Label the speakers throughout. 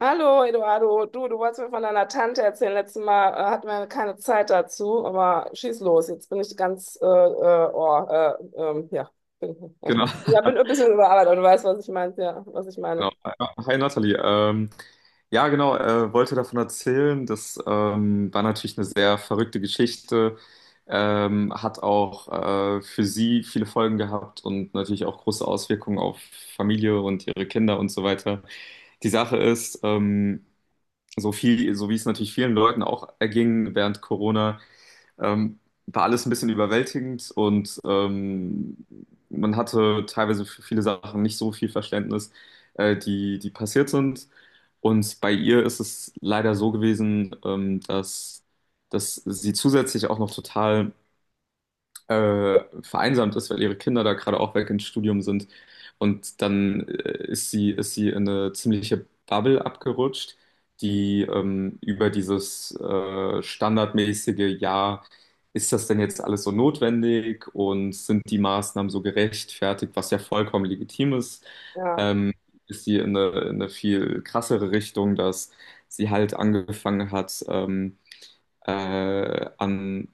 Speaker 1: Hallo Eduardo, du wolltest mir von deiner Tante erzählen. Letztes Mal hatten wir ja keine Zeit dazu, aber schieß los. Jetzt bin ich ganz, ja, bin, ja,
Speaker 2: Genau,
Speaker 1: ja, bin ein bisschen überarbeitet, aber du weißt, was ich meine, ja, was ich meine.
Speaker 2: genau. Hi Nathalie. Ja, genau, wollte davon erzählen. Das war natürlich eine sehr verrückte Geschichte. Hat auch für sie viele Folgen gehabt und natürlich auch große Auswirkungen auf Familie und ihre Kinder und so weiter. Die Sache ist, so viel, so wie es natürlich vielen Leuten auch erging während Corona, Ähm, war alles ein bisschen überwältigend, und man hatte teilweise für viele Sachen nicht so viel Verständnis, die passiert sind. Und bei ihr ist es leider so gewesen, dass, sie zusätzlich auch noch total vereinsamt ist, weil ihre Kinder da gerade auch weg ins Studium sind. Und dann ist sie in eine ziemliche Bubble abgerutscht, die über dieses standardmäßige, ja, ist das denn jetzt alles so notwendig und sind die Maßnahmen so gerechtfertigt, was ja vollkommen legitim ist,
Speaker 1: Ja.
Speaker 2: ähm, ist sie in eine viel krassere Richtung, dass sie halt angefangen hat, äh, an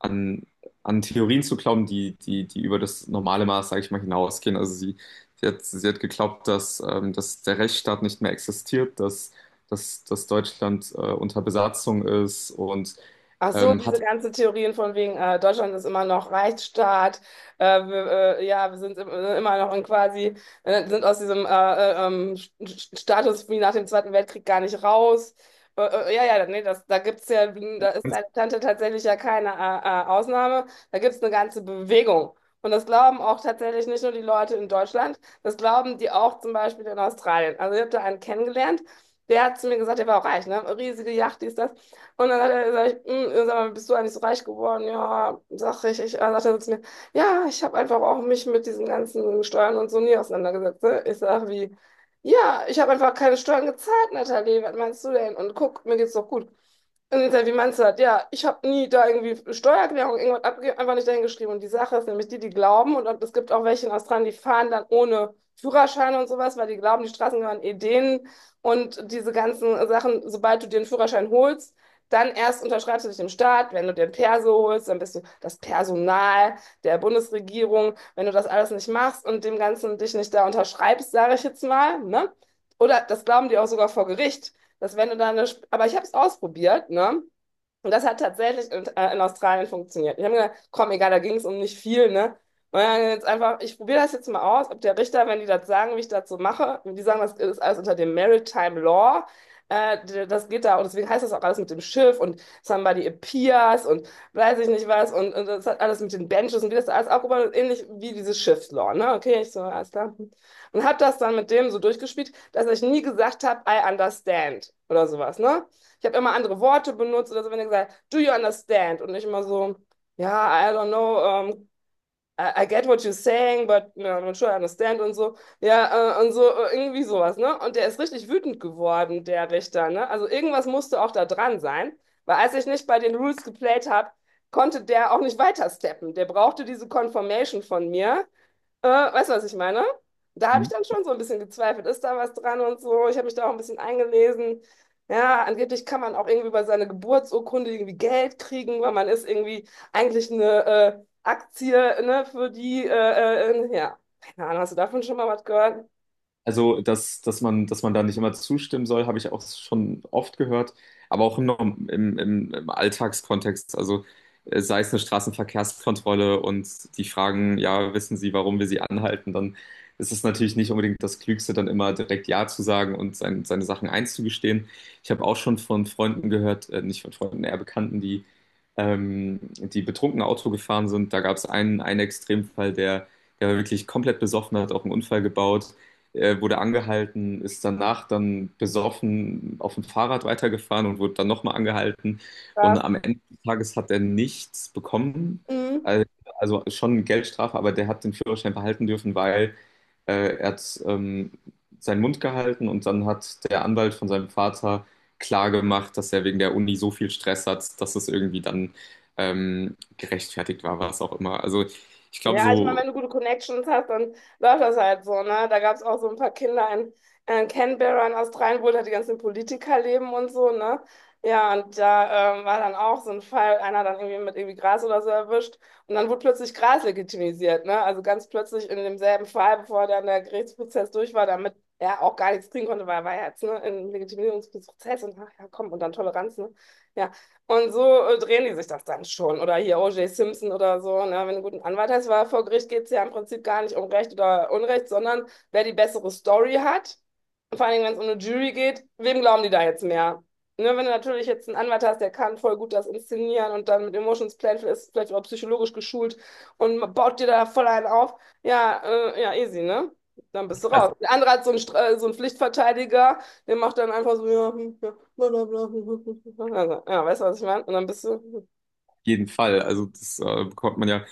Speaker 2: an, an Theorien zu glauben, die über das normale Maß, sage ich mal, hinausgehen. Also sie hat geglaubt, dass, dass der Rechtsstaat nicht mehr existiert, dass Deutschland unter Besatzung ist und
Speaker 1: Ach so, diese
Speaker 2: hat.
Speaker 1: ganzen Theorien von wegen, Deutschland ist immer noch Rechtsstaat, wir, ja, wir sind im, immer noch in quasi, sind aus diesem Status wie nach dem Zweiten Weltkrieg gar nicht raus. Äh, ja, ja, nee, da gibt's ja, da ist deine Tante tatsächlich ja keine Ausnahme, da gibt's eine ganze Bewegung. Und das glauben auch tatsächlich nicht nur die Leute in Deutschland, das glauben die auch zum Beispiel in Australien. Also ich habe da einen kennengelernt, der hat zu mir gesagt, der war auch reich, ne? Riesige Yacht, dies, das. Und dann hat er gesagt, "Mm, sag mal, bist du eigentlich so reich geworden? Ja, sag ich. Ich dann sagt er so zu mir, ja, ich habe einfach auch mich mit diesen ganzen Steuern und so nie auseinandergesetzt. Ne? Ich sag wie, ja, ich habe einfach keine Steuern gezahlt, Nathalie, was meinst du denn? Und guck, mir geht's doch gut. Und ich sag, wie meinst du das? Ja, ich habe nie da irgendwie Steuererklärung irgendwas abgegeben, einfach nicht dahingeschrieben. Und die Sache ist nämlich die, die glauben, und es gibt auch welche in Australien, die fahren dann ohne Führerschein und sowas, weil die glauben, die Straßen gehören eh denen. Und diese ganzen Sachen, sobald du dir einen Führerschein holst, dann erst unterschreibst du dich dem Staat. Wenn du dir ein Perso holst, dann bist du das Personal der Bundesregierung. Wenn du das alles nicht machst und dem Ganzen dich nicht da unterschreibst, sage ich jetzt mal, ne? Oder das glauben die auch sogar vor Gericht, dass wenn du da eine, aber ich habe es ausprobiert, ne? Und das hat tatsächlich in Australien funktioniert. Ich habe mir gedacht, komm, egal, da ging es um nicht viel, ne? Und dann jetzt einfach, ich probiere das jetzt mal aus, ob der Richter, wenn die das sagen, wie ich das so mache, und die sagen, das ist alles unter dem Maritime Law, das geht da, und deswegen heißt das auch alles mit dem Schiff und somebody appears und weiß ich nicht was, und das hat alles mit den Benches und wie das da alles aufgebaut ist, ähnlich wie dieses Schiffslaw, ne? Okay, ich so, alles klar. Und habe das dann mit dem so durchgespielt, dass ich nie gesagt habe, I understand oder sowas, ne? Ich habe immer andere Worte benutzt oder so, wenn er gesagt hat, do you understand? Und ich immer so, ja, yeah, I don't know, I get what you're saying, but you know, I'm not sure I understand und so. Ja, und so, irgendwie sowas, ne? Und der ist richtig wütend geworden, der Richter, ne? Also irgendwas musste auch da dran sein, weil als ich nicht bei den Rules geplayt habe, konnte der auch nicht weitersteppen. Der brauchte diese Confirmation von mir. Weißt du, was ich meine? Da habe ich dann schon so ein bisschen gezweifelt, ist da was dran und so. Ich habe mich da auch ein bisschen eingelesen. Ja, angeblich kann man auch irgendwie über seine Geburtsurkunde irgendwie Geld kriegen, weil man ist irgendwie eigentlich eine Aktie, ne, für die, ja, keine Ahnung, hast du davon schon mal was gehört?
Speaker 2: Also, dass man da nicht immer zustimmen soll, habe ich auch schon oft gehört, aber auch im, Norm- im, im, im Alltagskontext. Also, sei es eine Straßenverkehrskontrolle und die fragen, ja, wissen Sie, warum wir Sie anhalten, dann ist es natürlich nicht unbedingt das Klügste, dann immer direkt Ja zu sagen und seine Sachen einzugestehen. Ich habe auch schon von Freunden gehört, nicht von Freunden, eher Bekannten, die, die betrunken Auto gefahren sind. Da gab es einen Extremfall, der war wirklich komplett besoffen, hat auch einen Unfall gebaut. Er wurde angehalten, ist danach dann besoffen auf dem Fahrrad weitergefahren und wurde dann nochmal angehalten. Und
Speaker 1: Was?
Speaker 2: am Ende des Tages hat er nichts bekommen.
Speaker 1: Mhm.
Speaker 2: Also also schon eine Geldstrafe, aber der hat den Führerschein behalten dürfen, weil er hat seinen Mund gehalten, und dann hat der Anwalt von seinem Vater klar gemacht, dass er wegen der Uni so viel Stress hat, dass es irgendwie dann gerechtfertigt war, was auch immer. Also ich glaube,
Speaker 1: Ja, also, ich meine,
Speaker 2: so
Speaker 1: wenn du gute Connections hast, dann läuft das halt so, ne? Da gab es auch so ein paar Kinder in Canberra in Australien, wo da die ganzen Politiker leben und so, ne? Ja, und da war dann auch so ein Fall, einer dann irgendwie mit irgendwie Gras oder so erwischt und dann wurde plötzlich Gras legitimisiert, ne? Also ganz plötzlich in demselben Fall, bevor dann der Gerichtsprozess durch war, damit er auch gar nichts kriegen konnte, weil er war ja jetzt, ne, im Legitimierungsprozess und ach ja, komm, und dann Toleranz, ne? Ja, und so drehen die sich das dann schon. Oder hier O.J. Simpson oder so. Ne? Wenn du einen guten Anwalt hast, weil vor Gericht geht es ja im Prinzip gar nicht um Recht oder Unrecht, sondern wer die bessere Story hat. Und vor allen Dingen, wenn es um eine Jury geht, wem glauben die da jetzt mehr? Ne? Wenn du natürlich jetzt einen Anwalt hast, der kann voll gut das inszenieren und dann mit Emotions Playful ist vielleicht auch psychologisch geschult und baut dir da voll einen auf. Ja, ja, easy, ne? Dann bist du raus. Der andere hat so einen, so einen Pflichtverteidiger, der macht dann einfach so, ja, hm, ja. Blablabla. Also, ja, weißt du, was ich meine? Und dann bist du,
Speaker 2: jeden Fall. Also das bekommt man ja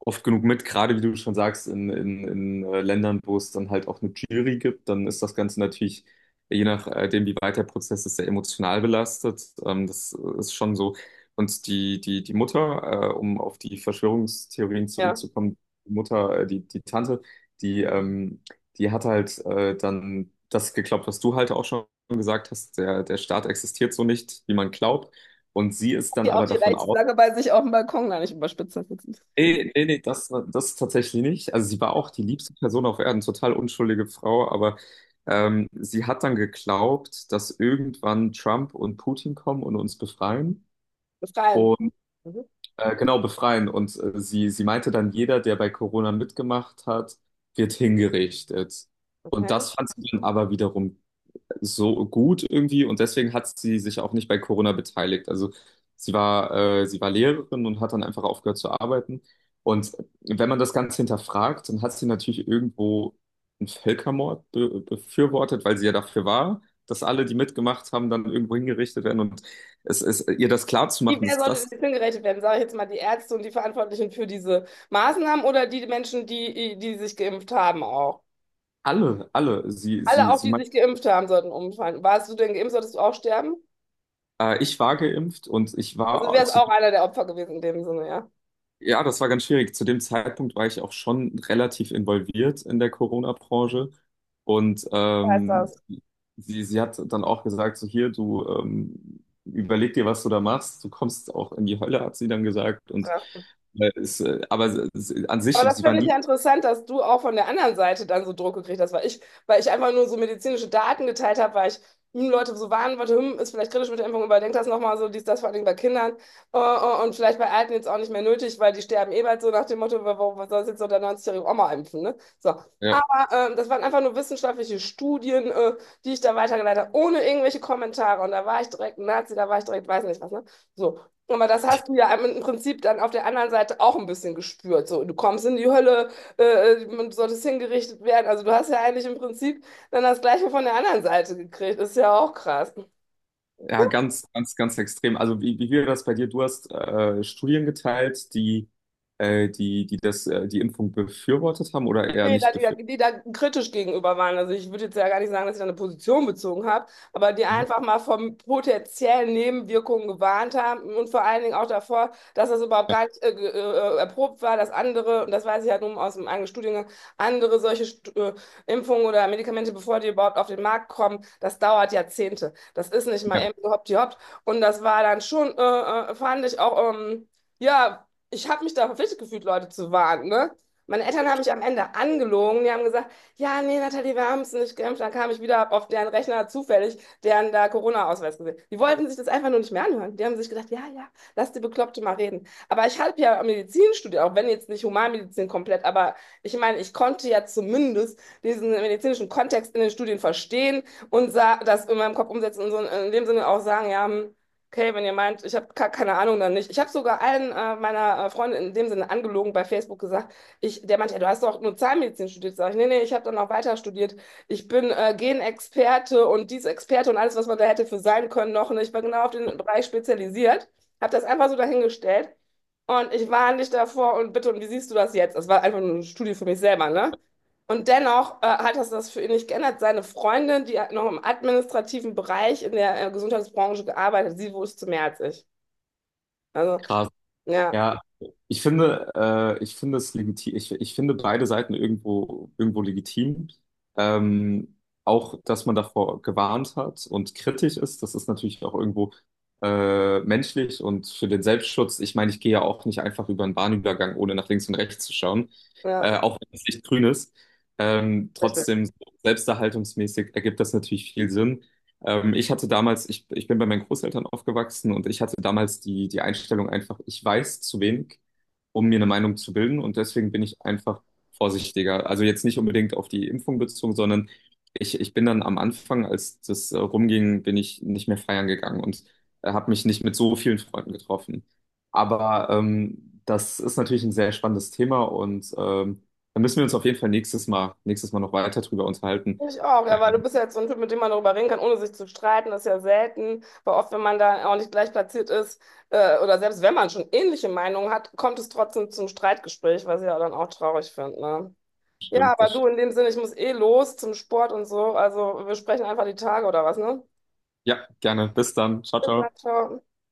Speaker 2: oft genug mit, gerade wie du schon sagst, in Ländern, wo es dann halt auch eine Jury gibt, dann ist das Ganze natürlich, je nachdem, wie weit der Prozess ist, sehr emotional belastet. Das ist schon so. Und die Mutter, um auf die Verschwörungstheorien
Speaker 1: ja,
Speaker 2: zurückzukommen, die Mutter, die Tante, die, ähm, die hat halt dann das geglaubt, was du halt auch schon gesagt hast, der Staat existiert so nicht, wie man glaubt. Und sie ist dann
Speaker 1: hier auch
Speaker 2: aber
Speaker 1: die
Speaker 2: davon.
Speaker 1: Reichsflagge bei sich auf dem Balkon, gar nicht überspitzt. Das ist-
Speaker 2: Nee, nee, nee, das tatsächlich nicht. Also sie war auch die liebste Person auf Erden, total unschuldige Frau, aber sie hat dann geglaubt, dass irgendwann Trump und Putin kommen und uns befreien.
Speaker 1: Befreien.
Speaker 2: Und
Speaker 1: Mhm,
Speaker 2: genau, befreien. Und sie meinte dann, jeder, der bei Corona mitgemacht hat, wird hingerichtet. Und
Speaker 1: okay.
Speaker 2: das fand sie dann aber wiederum so gut irgendwie, und deswegen hat sie sich auch nicht bei Corona beteiligt. Also sie war Lehrerin und hat dann einfach aufgehört zu arbeiten. Und wenn man das Ganze hinterfragt, dann hat sie natürlich irgendwo einen Völkermord be befürwortet, weil sie ja dafür war, dass alle, die mitgemacht haben, dann irgendwo hingerichtet werden. Und es ist ihr das
Speaker 1: Die,
Speaker 2: klarzumachen,
Speaker 1: wer
Speaker 2: dass
Speaker 1: sollte
Speaker 2: das
Speaker 1: denn hingerechnet werden? Sage ich jetzt mal die Ärzte und die Verantwortlichen für diese Maßnahmen oder die Menschen, die sich geimpft haben auch?
Speaker 2: alle,
Speaker 1: Alle auch,
Speaker 2: sie
Speaker 1: die
Speaker 2: meint,
Speaker 1: sich geimpft haben, sollten umfallen. Warst du denn geimpft, solltest du auch sterben?
Speaker 2: ich war geimpft und ich
Speaker 1: Also du
Speaker 2: war
Speaker 1: wärst
Speaker 2: zu.
Speaker 1: auch einer der Opfer gewesen in dem Sinne, ja.
Speaker 2: Ja, das war ganz schwierig. Zu dem Zeitpunkt war ich auch schon relativ involviert in der Corona-Branche. Und
Speaker 1: Heißt das.
Speaker 2: sie hat dann auch gesagt, so hier, du überleg dir, was du da machst. Du kommst auch in die Hölle, hat sie dann gesagt. Und
Speaker 1: Krass.
Speaker 2: aber an sich,
Speaker 1: Aber das
Speaker 2: sie war
Speaker 1: finde ich
Speaker 2: nie,
Speaker 1: ja interessant, dass du auch von der anderen Seite dann so Druck gekriegt hast, weil ich einfach nur so medizinische Daten geteilt habe, weil ich hm, Leute so warnen wollte, hm, ist vielleicht kritisch mit der Impfung, überdenkt das nochmal so, dies, das vor allem bei Kindern und vielleicht bei Alten jetzt auch nicht mehr nötig, weil die sterben eh bald so nach dem Motto, warum was soll jetzt so der 90-jährigen-jährige Oma impfen, ne? So.
Speaker 2: ja,
Speaker 1: Aber das waren einfach nur wissenschaftliche Studien, die ich da weitergeleitet habe, ohne irgendwelche Kommentare. Und da war ich direkt Nazi, da war ich direkt weiß nicht was, ne? So. Aber das hast du ja im Prinzip dann auf der anderen Seite auch ein bisschen gespürt. So, du kommst in die Hölle, du solltest hingerichtet werden. Also du hast ja eigentlich im Prinzip dann das Gleiche von der anderen Seite gekriegt. Ist ja auch krass.
Speaker 2: ja, ganz extrem. Also wie wäre das bei dir? Du hast Studien geteilt, die das, die Impfung befürwortet haben oder eher
Speaker 1: Nee,
Speaker 2: nicht befürwortet.
Speaker 1: die da kritisch gegenüber waren. Also ich würde jetzt ja gar nicht sagen, dass ich da eine Position bezogen habe, aber die einfach mal von potenziellen Nebenwirkungen gewarnt haben und vor allen Dingen auch davor, dass das überhaupt gar nicht erprobt war, dass andere, und das weiß ich halt nun aus dem eigenen Studiengang, andere solche Impfungen oder Medikamente, bevor die überhaupt auf den Markt kommen, das dauert Jahrzehnte. Das ist nicht mal
Speaker 2: Ja,
Speaker 1: eben so hoppdi hopp. Und das war dann schon, fand ich auch, ja, ich habe mich da verpflichtet gefühlt, Leute zu warnen, ne? Meine Eltern haben mich am Ende angelogen. Die haben gesagt, ja, nee, Nathalie, wir haben es nicht geimpft. Dann kam ich wieder hab auf deren Rechner zufällig, deren da Corona-Ausweis gesehen. Die wollten sich das einfach nur nicht mehr anhören. Die haben sich gedacht, ja, ja, lass die Bekloppte mal reden. Aber ich habe ja Medizin studiert, auch wenn jetzt nicht Humanmedizin komplett, aber ich meine, ich konnte ja zumindest diesen medizinischen Kontext in den Studien verstehen und sah, das in meinem Kopf umsetzen und so in dem Sinne auch sagen, ja, hm, okay, wenn ihr meint, ich habe keine Ahnung, dann nicht. Ich habe sogar allen meiner Freunde in dem Sinne angelogen bei Facebook gesagt, ich, der meinte, ja, du hast doch nur Zahnmedizin studiert. Sag ich, nee, nee, ich habe dann auch weiter studiert. Ich bin Genexperte und dies Experte und alles, was man da hätte für sein können noch. Und ich war genau auf den Bereich spezialisiert, habe das einfach so dahingestellt. Und ich warne dich davor und bitte, und wie siehst du das jetzt? Das war einfach nur eine Studie für mich selber, ne? Und dennoch hat das das für ihn nicht geändert. Seine Freundin, die hat noch im administrativen Bereich in der Gesundheitsbranche gearbeitet, sie wusste mehr als ich. Also,
Speaker 2: krass.
Speaker 1: ja,
Speaker 2: Ja, ich finde es legitim, ich finde beide Seiten irgendwo, irgendwo legitim. Ähm, Auch, dass man davor gewarnt hat und kritisch ist, das ist natürlich auch irgendwo menschlich und für den Selbstschutz. Ich meine, ich gehe ja auch nicht einfach über einen Bahnübergang, ohne nach links und rechts zu schauen,
Speaker 1: ja,
Speaker 2: auch wenn es nicht grün ist.
Speaker 1: richtig.
Speaker 2: Trotzdem, so selbsterhaltungsmäßig ergibt das natürlich viel Sinn. Ich hatte damals, ich bin bei meinen Großeltern aufgewachsen, und ich hatte damals die Einstellung einfach, ich weiß zu wenig, um mir eine Meinung zu bilden, und deswegen bin ich einfach vorsichtiger. Also jetzt nicht unbedingt auf die Impfung bezogen, sondern ich bin dann am Anfang, als das rumging, bin ich nicht mehr feiern gegangen und habe mich nicht mit so vielen Freunden getroffen. Aber das ist natürlich ein sehr spannendes Thema, und da müssen wir uns auf jeden Fall nächstes Mal noch weiter drüber unterhalten.
Speaker 1: Ich auch, ja, weil du
Speaker 2: Ähm,
Speaker 1: bist ja jetzt so ein Typ, mit dem man darüber reden kann, ohne sich zu streiten, das ist ja selten, weil oft, wenn man da auch nicht gleich platziert ist, oder selbst wenn man schon ähnliche Meinungen hat, kommt es trotzdem zum Streitgespräch, was ich ja dann auch traurig finde, ne? Ja,
Speaker 2: stimmt,
Speaker 1: aber du,
Speaker 2: das.
Speaker 1: in dem Sinne, ich muss eh los zum Sport und so, also wir sprechen einfach die Tage oder was, ne?
Speaker 2: Ja, gerne. Bis dann. Ciao,
Speaker 1: Bis dann,
Speaker 2: ciao.
Speaker 1: ciao.